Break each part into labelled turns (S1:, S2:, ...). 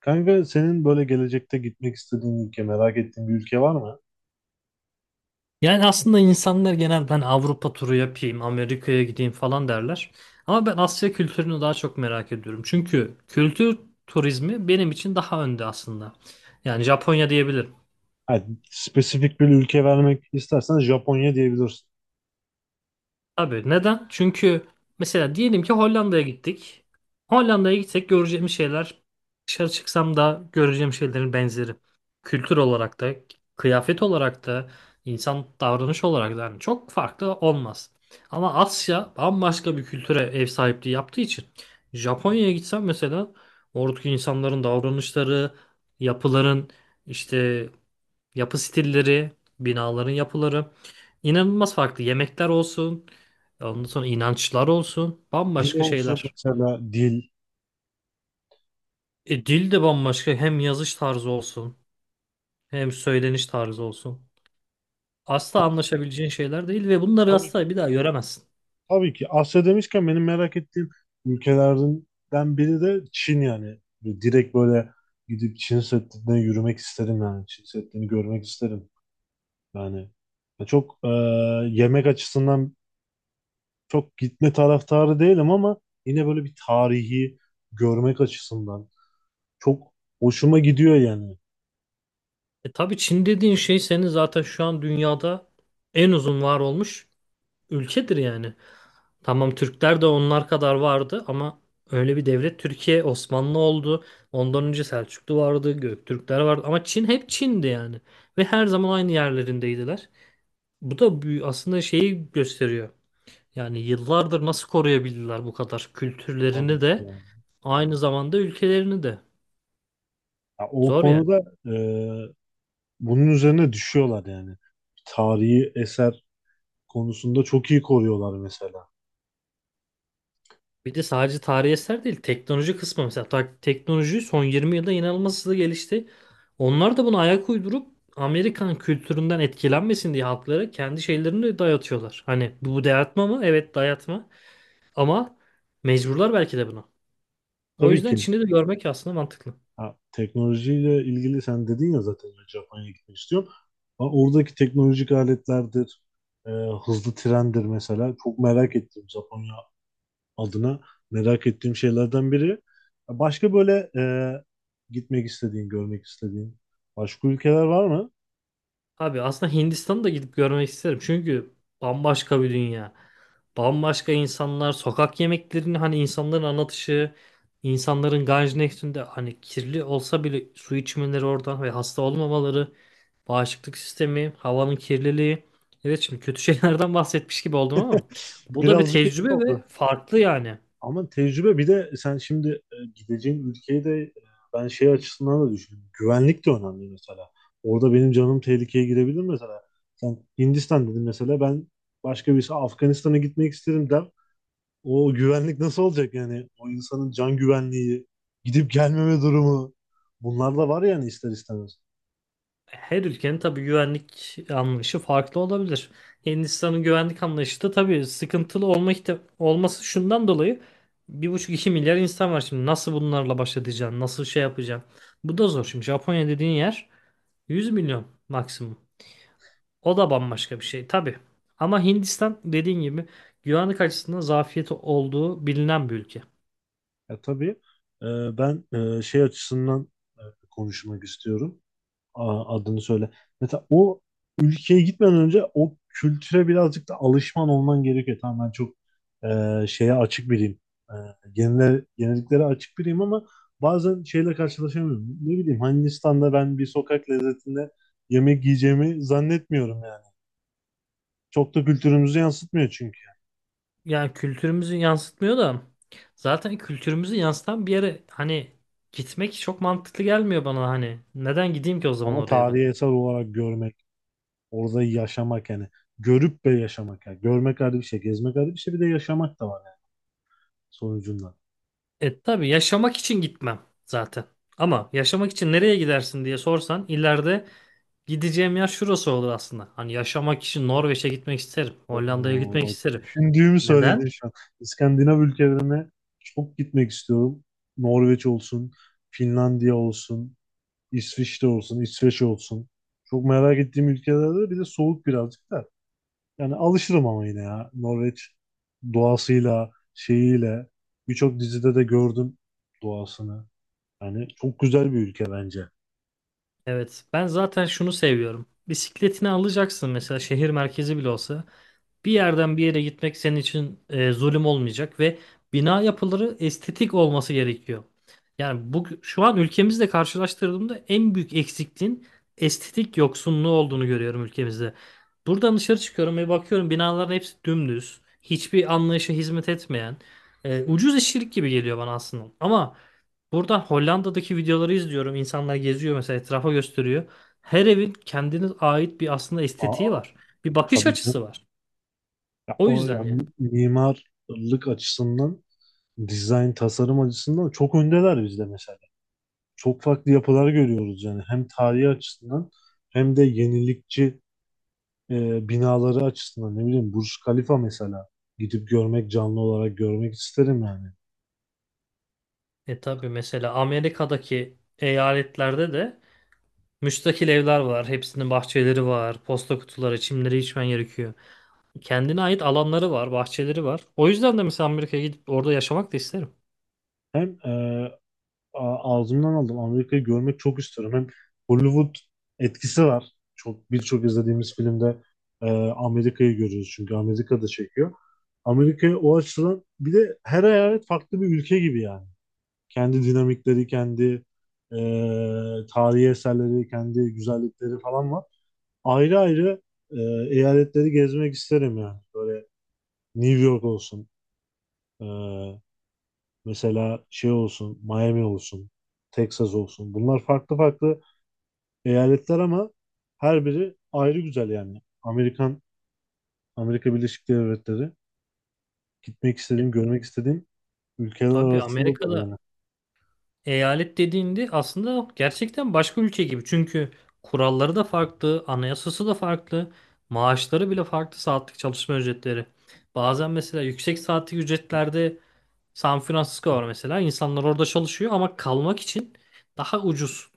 S1: Kanka senin böyle gelecekte gitmek istediğin ülke, merak ettiğin bir ülke var mı?
S2: Yani aslında insanlar genel ben Avrupa turu yapayım, Amerika'ya gideyim falan derler. Ama ben Asya kültürünü daha çok merak ediyorum. Çünkü kültür turizmi benim için daha önde aslında. Yani Japonya diyebilirim.
S1: Hani spesifik bir ülke vermek istersen Japonya diyebilirsin.
S2: Abi neden? Çünkü mesela diyelim ki Hollanda'ya gittik. Hollanda'ya gitsek göreceğim şeyler dışarı çıksam da göreceğim şeylerin benzeri. Kültür olarak da, kıyafet olarak da, insan davranış olarak da yani çok farklı olmaz. Ama Asya bambaşka bir kültüre ev sahipliği yaptığı için Japonya'ya gitsem mesela oradaki insanların davranışları, yapıların işte yapı stilleri, binaların yapıları inanılmaz farklı. Yemekler olsun, ondan sonra inançlar olsun,
S1: Dil
S2: bambaşka
S1: olsun
S2: şeyler.
S1: mesela dil.
S2: E, dil de bambaşka. Hem yazış tarzı olsun, hem söyleniş tarzı olsun.
S1: Ha,
S2: Asla anlaşabileceğin şeyler değil ve bunları
S1: tabii ki.
S2: asla bir daha göremezsin.
S1: Tabii ki. Asya demişken benim merak ettiğim ülkelerden biri de Çin yani. Böyle direkt böyle gidip Çin Seddi'ne yürümek isterim yani. Çin Seddi'ni görmek isterim. Yani ya çok yemek açısından çok gitme taraftarı değilim ama yine böyle bir tarihi görmek açısından çok hoşuma gidiyor yani.
S2: E tabii Çin dediğin şey senin zaten şu an dünyada en uzun var olmuş ülkedir yani. Tamam Türkler de onlar kadar vardı ama öyle bir devlet Türkiye Osmanlı oldu. Ondan önce Selçuklu vardı, Göktürkler vardı ama Çin hep Çin'di yani. Ve her zaman aynı yerlerindeydiler. Bu da aslında şeyi gösteriyor. Yani yıllardır nasıl koruyabildiler bu kadar kültürlerini
S1: Tabii ki
S2: de
S1: yani.
S2: aynı zamanda ülkelerini de.
S1: Ya o
S2: Zor yani.
S1: konuda e, bunun üzerine düşüyorlar yani. Tarihi eser konusunda çok iyi koruyorlar mesela.
S2: Bir de sadece tarihi eser değil, teknoloji kısmı mesela teknoloji son 20 yılda inanılmaz hızlı gelişti. Onlar da buna ayak uydurup Amerikan kültüründen etkilenmesin diye halklara kendi şeylerini de dayatıyorlar. Hani bu dayatma mı? Evet dayatma. Ama mecburlar belki de buna. O
S1: Tabii
S2: yüzden
S1: ki
S2: Çin'i de görmek aslında mantıklı.
S1: ha, teknolojiyle ilgili sen dedin ya zaten ben Japonya'ya gitmek istiyorum. Ha, oradaki teknolojik aletlerdir, e, hızlı trendir mesela. Çok merak ettiğim Japonya adına merak ettiğim şeylerden biri. Başka böyle gitmek istediğin, görmek istediğin başka ülkeler var mı?
S2: Abi aslında Hindistan'ı da gidip görmek isterim. Çünkü bambaşka bir dünya. Bambaşka insanlar, sokak yemeklerini hani insanların anlatışı, insanların Ganj Nehri'nde hani kirli olsa bile su içmeleri oradan ve hasta olmamaları, bağışıklık sistemi, havanın kirliliği. Evet şimdi kötü şeylerden bahsetmiş gibi oldum ama bu da bir
S1: Birazcık etkili
S2: tecrübe ve
S1: oldu.
S2: farklı yani.
S1: Ama tecrübe bir de sen şimdi gideceğin ülkeyi de ben şey açısından da düşünüyorum. Güvenlik de önemli mesela. Orada benim canım tehlikeye girebilir mesela. Sen Hindistan dedin mesela ben başka birisi Afganistan'a gitmek isterim der. O güvenlik nasıl olacak yani? O insanın can güvenliği, gidip gelmeme durumu. Bunlar da var yani ister istemez.
S2: Her ülkenin tabii güvenlik anlayışı farklı olabilir. Hindistan'ın güvenlik anlayışı da tabii sıkıntılı olması şundan dolayı 1,5 2 milyar insan var şimdi. Nasıl bunlarla baş edeceksin? Nasıl şey yapacaksın? Bu da zor. Şimdi Japonya dediğin yer 100 milyon maksimum. O da bambaşka bir şey tabii. Ama Hindistan dediğin gibi güvenlik açısından zafiyeti olduğu bilinen bir ülke.
S1: Ya tabii e, ben şey açısından e, konuşmak istiyorum. Adını söyle. Mesela o ülkeye gitmeden önce o kültüre birazcık da alışman olman gerekiyor. Tamam ben çok şeye açık biriyim. E, yeniliklere açık biriyim ama bazen şeyle karşılaşamıyorum. Ne bileyim Hindistan'da ben bir sokak lezzetinde yemek yiyeceğimi zannetmiyorum yani. Çok da kültürümüzü yansıtmıyor çünkü.
S2: Yani kültürümüzü yansıtmıyor da zaten kültürümüzü yansıtan bir yere hani gitmek çok mantıklı gelmiyor bana hani. Neden gideyim ki o zaman
S1: Ama
S2: oraya ben?
S1: tarihi eser olarak görmek, orada yaşamak yani. Görüp ve yaşamak yani. Görmek ayrı bir şey, gezmek ayrı bir şey, bir de yaşamak da var yani sonucunda.
S2: E tabii yaşamak için gitmem zaten. Ama yaşamak için nereye gidersin diye sorsan ileride gideceğim yer şurası olur aslında. Hani yaşamak için Norveç'e gitmek isterim. Hollanda'ya
S1: Oo,
S2: gitmek
S1: bak
S2: isterim.
S1: düşündüğümü
S2: Neden?
S1: söyledin şu an. İskandinav ülkelerine çok gitmek istiyorum. Norveç olsun, Finlandiya olsun, İsviçre olsun, İsveç olsun. Çok merak ettiğim ülkelerde bir de soğuk birazcık da. Yani alışırım ama yine ya. Norveç doğasıyla, şeyiyle birçok dizide de gördüm doğasını. Yani çok güzel bir ülke bence.
S2: Evet ben zaten şunu seviyorum. Bisikletini alacaksın mesela şehir merkezi bile olsa. Bir yerden bir yere gitmek senin için zulüm olmayacak ve bina yapıları estetik olması gerekiyor. Yani bu şu an ülkemizle karşılaştırdığımda en büyük eksikliğin estetik yoksunluğu olduğunu görüyorum ülkemizde. Buradan dışarı çıkıyorum ve bakıyorum binaların hepsi dümdüz, hiçbir anlayışa hizmet etmeyen, ucuz işçilik gibi geliyor bana aslında. Ama buradan Hollanda'daki videoları izliyorum. İnsanlar geziyor mesela etrafa gösteriyor. Her evin kendine ait bir aslında estetiği
S1: Aa,
S2: var. Bir bakış
S1: tabii.
S2: açısı var.
S1: Ya
S2: O
S1: o
S2: yüzden
S1: ya
S2: yani.
S1: mimarlık açısından, dizayn tasarım açısından çok öndeler bizde mesela. Çok farklı yapılar görüyoruz yani hem tarihi açısından hem de yenilikçi binaları açısından ne bileyim Burj Khalifa mesela gidip görmek canlı olarak görmek isterim yani.
S2: E tabii mesela Amerika'daki eyaletlerde de müstakil evler var. Hepsinin bahçeleri var, posta kutuları, çimleri içmen gerekiyor. Kendine ait alanları var, bahçeleri var. O yüzden de mesela Amerika'ya gidip orada yaşamak da isterim.
S1: Hem ağzımdan aldım. Amerika'yı görmek çok istiyorum. Hem Hollywood etkisi var. Çok birçok izlediğimiz filmde e, Amerika'yı görüyoruz çünkü Amerika'da çekiyor. Amerika'yı o açıdan bir de her eyalet farklı bir ülke gibi yani. Kendi dinamikleri, kendi e, tarihi eserleri, kendi güzellikleri falan var. Ayrı ayrı e, eyaletleri gezmek isterim yani. Böyle New York olsun, e, mesela şey olsun, Miami olsun, Texas olsun. Bunlar farklı farklı eyaletler ama her biri ayrı güzel yani. Amerikan, Amerika Birleşik Devletleri gitmek
S2: E
S1: istediğim, görmek istediğim ülkeler
S2: tabii
S1: arasındadır
S2: Amerika'da
S1: yani.
S2: eyalet dediğinde aslında gerçekten başka ülke gibi. Çünkü kuralları da farklı, anayasası da farklı, maaşları bile farklı saatlik çalışma ücretleri. Bazen mesela yüksek saatlik ücretlerde San Francisco var mesela. İnsanlar orada çalışıyor ama kalmak için daha ucuz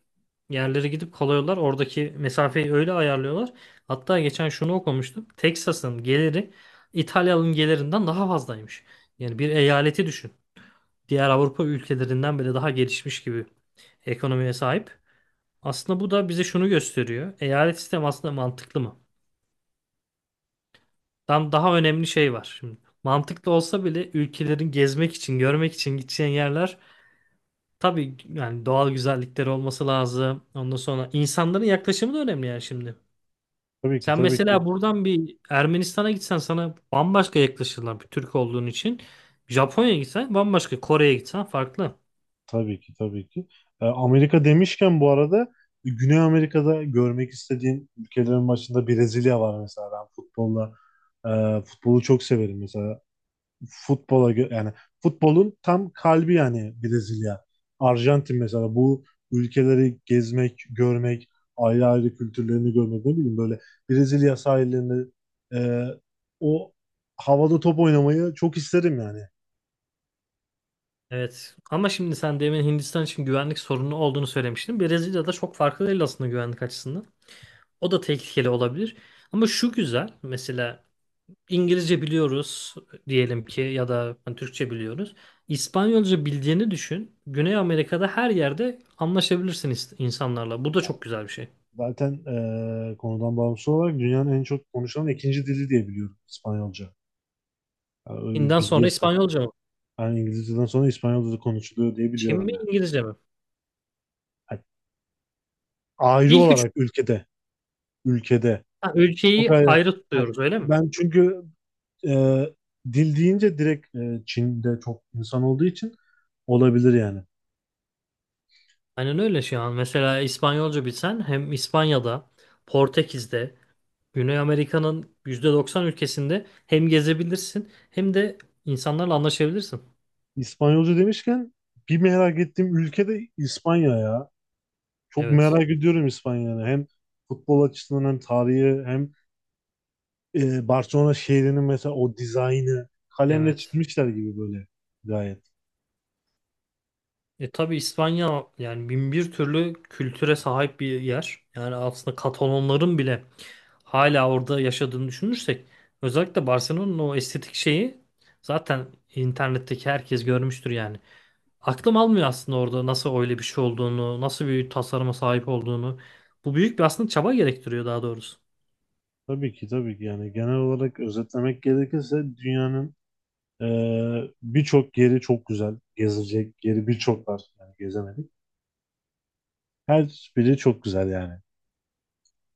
S2: yerlere gidip kalıyorlar. Oradaki mesafeyi öyle ayarlıyorlar. Hatta geçen şunu okumuştum. Texas'ın geliri İtalya'nın gelirinden daha fazlaymış. Yani bir eyaleti düşün. Diğer Avrupa ülkelerinden bile daha gelişmiş gibi ekonomiye sahip. Aslında bu da bize şunu gösteriyor. Eyalet sistemi aslında mantıklı mı? Tam daha önemli şey var şimdi. Mantıklı olsa bile ülkelerin gezmek için, görmek için gideceğin yerler tabii yani doğal güzellikleri olması lazım. Ondan sonra insanların yaklaşımı da önemli yani şimdi.
S1: Tabii ki,
S2: Sen
S1: tabii ki.
S2: mesela buradan bir Ermenistan'a gitsen sana bambaşka yaklaşırlar bir Türk olduğun için. Japonya'ya gitsen bambaşka, Kore'ye gitsen farklı.
S1: Tabii ki, tabii ki. E, Amerika demişken bu arada Güney Amerika'da görmek istediğim ülkelerin başında Brezilya var mesela. Ben futbolu çok severim mesela. Yani futbolun tam kalbi yani Brezilya. Arjantin mesela bu ülkeleri gezmek, görmek, ayrı ayrı kültürlerini görmek ne bileyim böyle Brezilya sahillerinde e, o havada top oynamayı çok isterim yani.
S2: Evet ama şimdi sen demin Hindistan için güvenlik sorunu olduğunu söylemiştin. Brezilya'da çok farklı değil aslında güvenlik açısından. O da tehlikeli olabilir. Ama şu güzel mesela İngilizce biliyoruz diyelim ki ya da hani Türkçe biliyoruz. İspanyolca bildiğini düşün. Güney Amerika'da her yerde anlaşabilirsin insanlarla. Bu da çok güzel bir şey.
S1: Zaten konudan bağımsız olarak dünyanın en çok konuşulan ikinci dili diye biliyorum İspanyolca. Yani öyle bir
S2: Çin'den
S1: bilgiye
S2: sonra
S1: sahip.
S2: İspanyolca mı?
S1: Yani İngilizceden sonra İspanyolca da konuşuluyor diye
S2: Çin mi
S1: biliyorum yani.
S2: İngilizce mi?
S1: Yani ayrı
S2: İlk üç.
S1: olarak ülkede, ülkede.
S2: Ha,
S1: Çok
S2: ülkeyi
S1: ayrı.
S2: ayrı
S1: Ha,
S2: tutuyoruz öyle mi?
S1: ben çünkü e, dil deyince direkt Çin'de çok insan olduğu için olabilir yani.
S2: Aynen öyle şu an. Mesela İspanyolca bilsen hem İspanya'da, Portekiz'de, Güney Amerika'nın %90 ülkesinde hem gezebilirsin hem de insanlarla anlaşabilirsin.
S1: İspanyolca demişken bir merak ettiğim ülke de İspanya ya. Çok
S2: Evet.
S1: merak ediyorum İspanya'yı. Hem futbol açısından hem tarihi hem Barcelona şehrinin mesela o dizaynı kalemle
S2: Evet.
S1: çizmişler gibi böyle gayet.
S2: E tabii İspanya yani bin bir türlü kültüre sahip bir yer. Yani aslında Katalonların bile hala orada yaşadığını düşünürsek özellikle Barcelona'nın o estetik şeyi zaten internetteki herkes görmüştür yani. Aklım almıyor aslında orada nasıl öyle bir şey olduğunu, nasıl bir tasarıma sahip olduğunu. Bu büyük bir aslında çaba gerektiriyor daha doğrusu.
S1: Tabii ki tabii ki yani genel olarak özetlemek gerekirse dünyanın birçok yeri çok güzel. Gezilecek yeri birçok var. Yani gezemedik. Her biri çok güzel yani.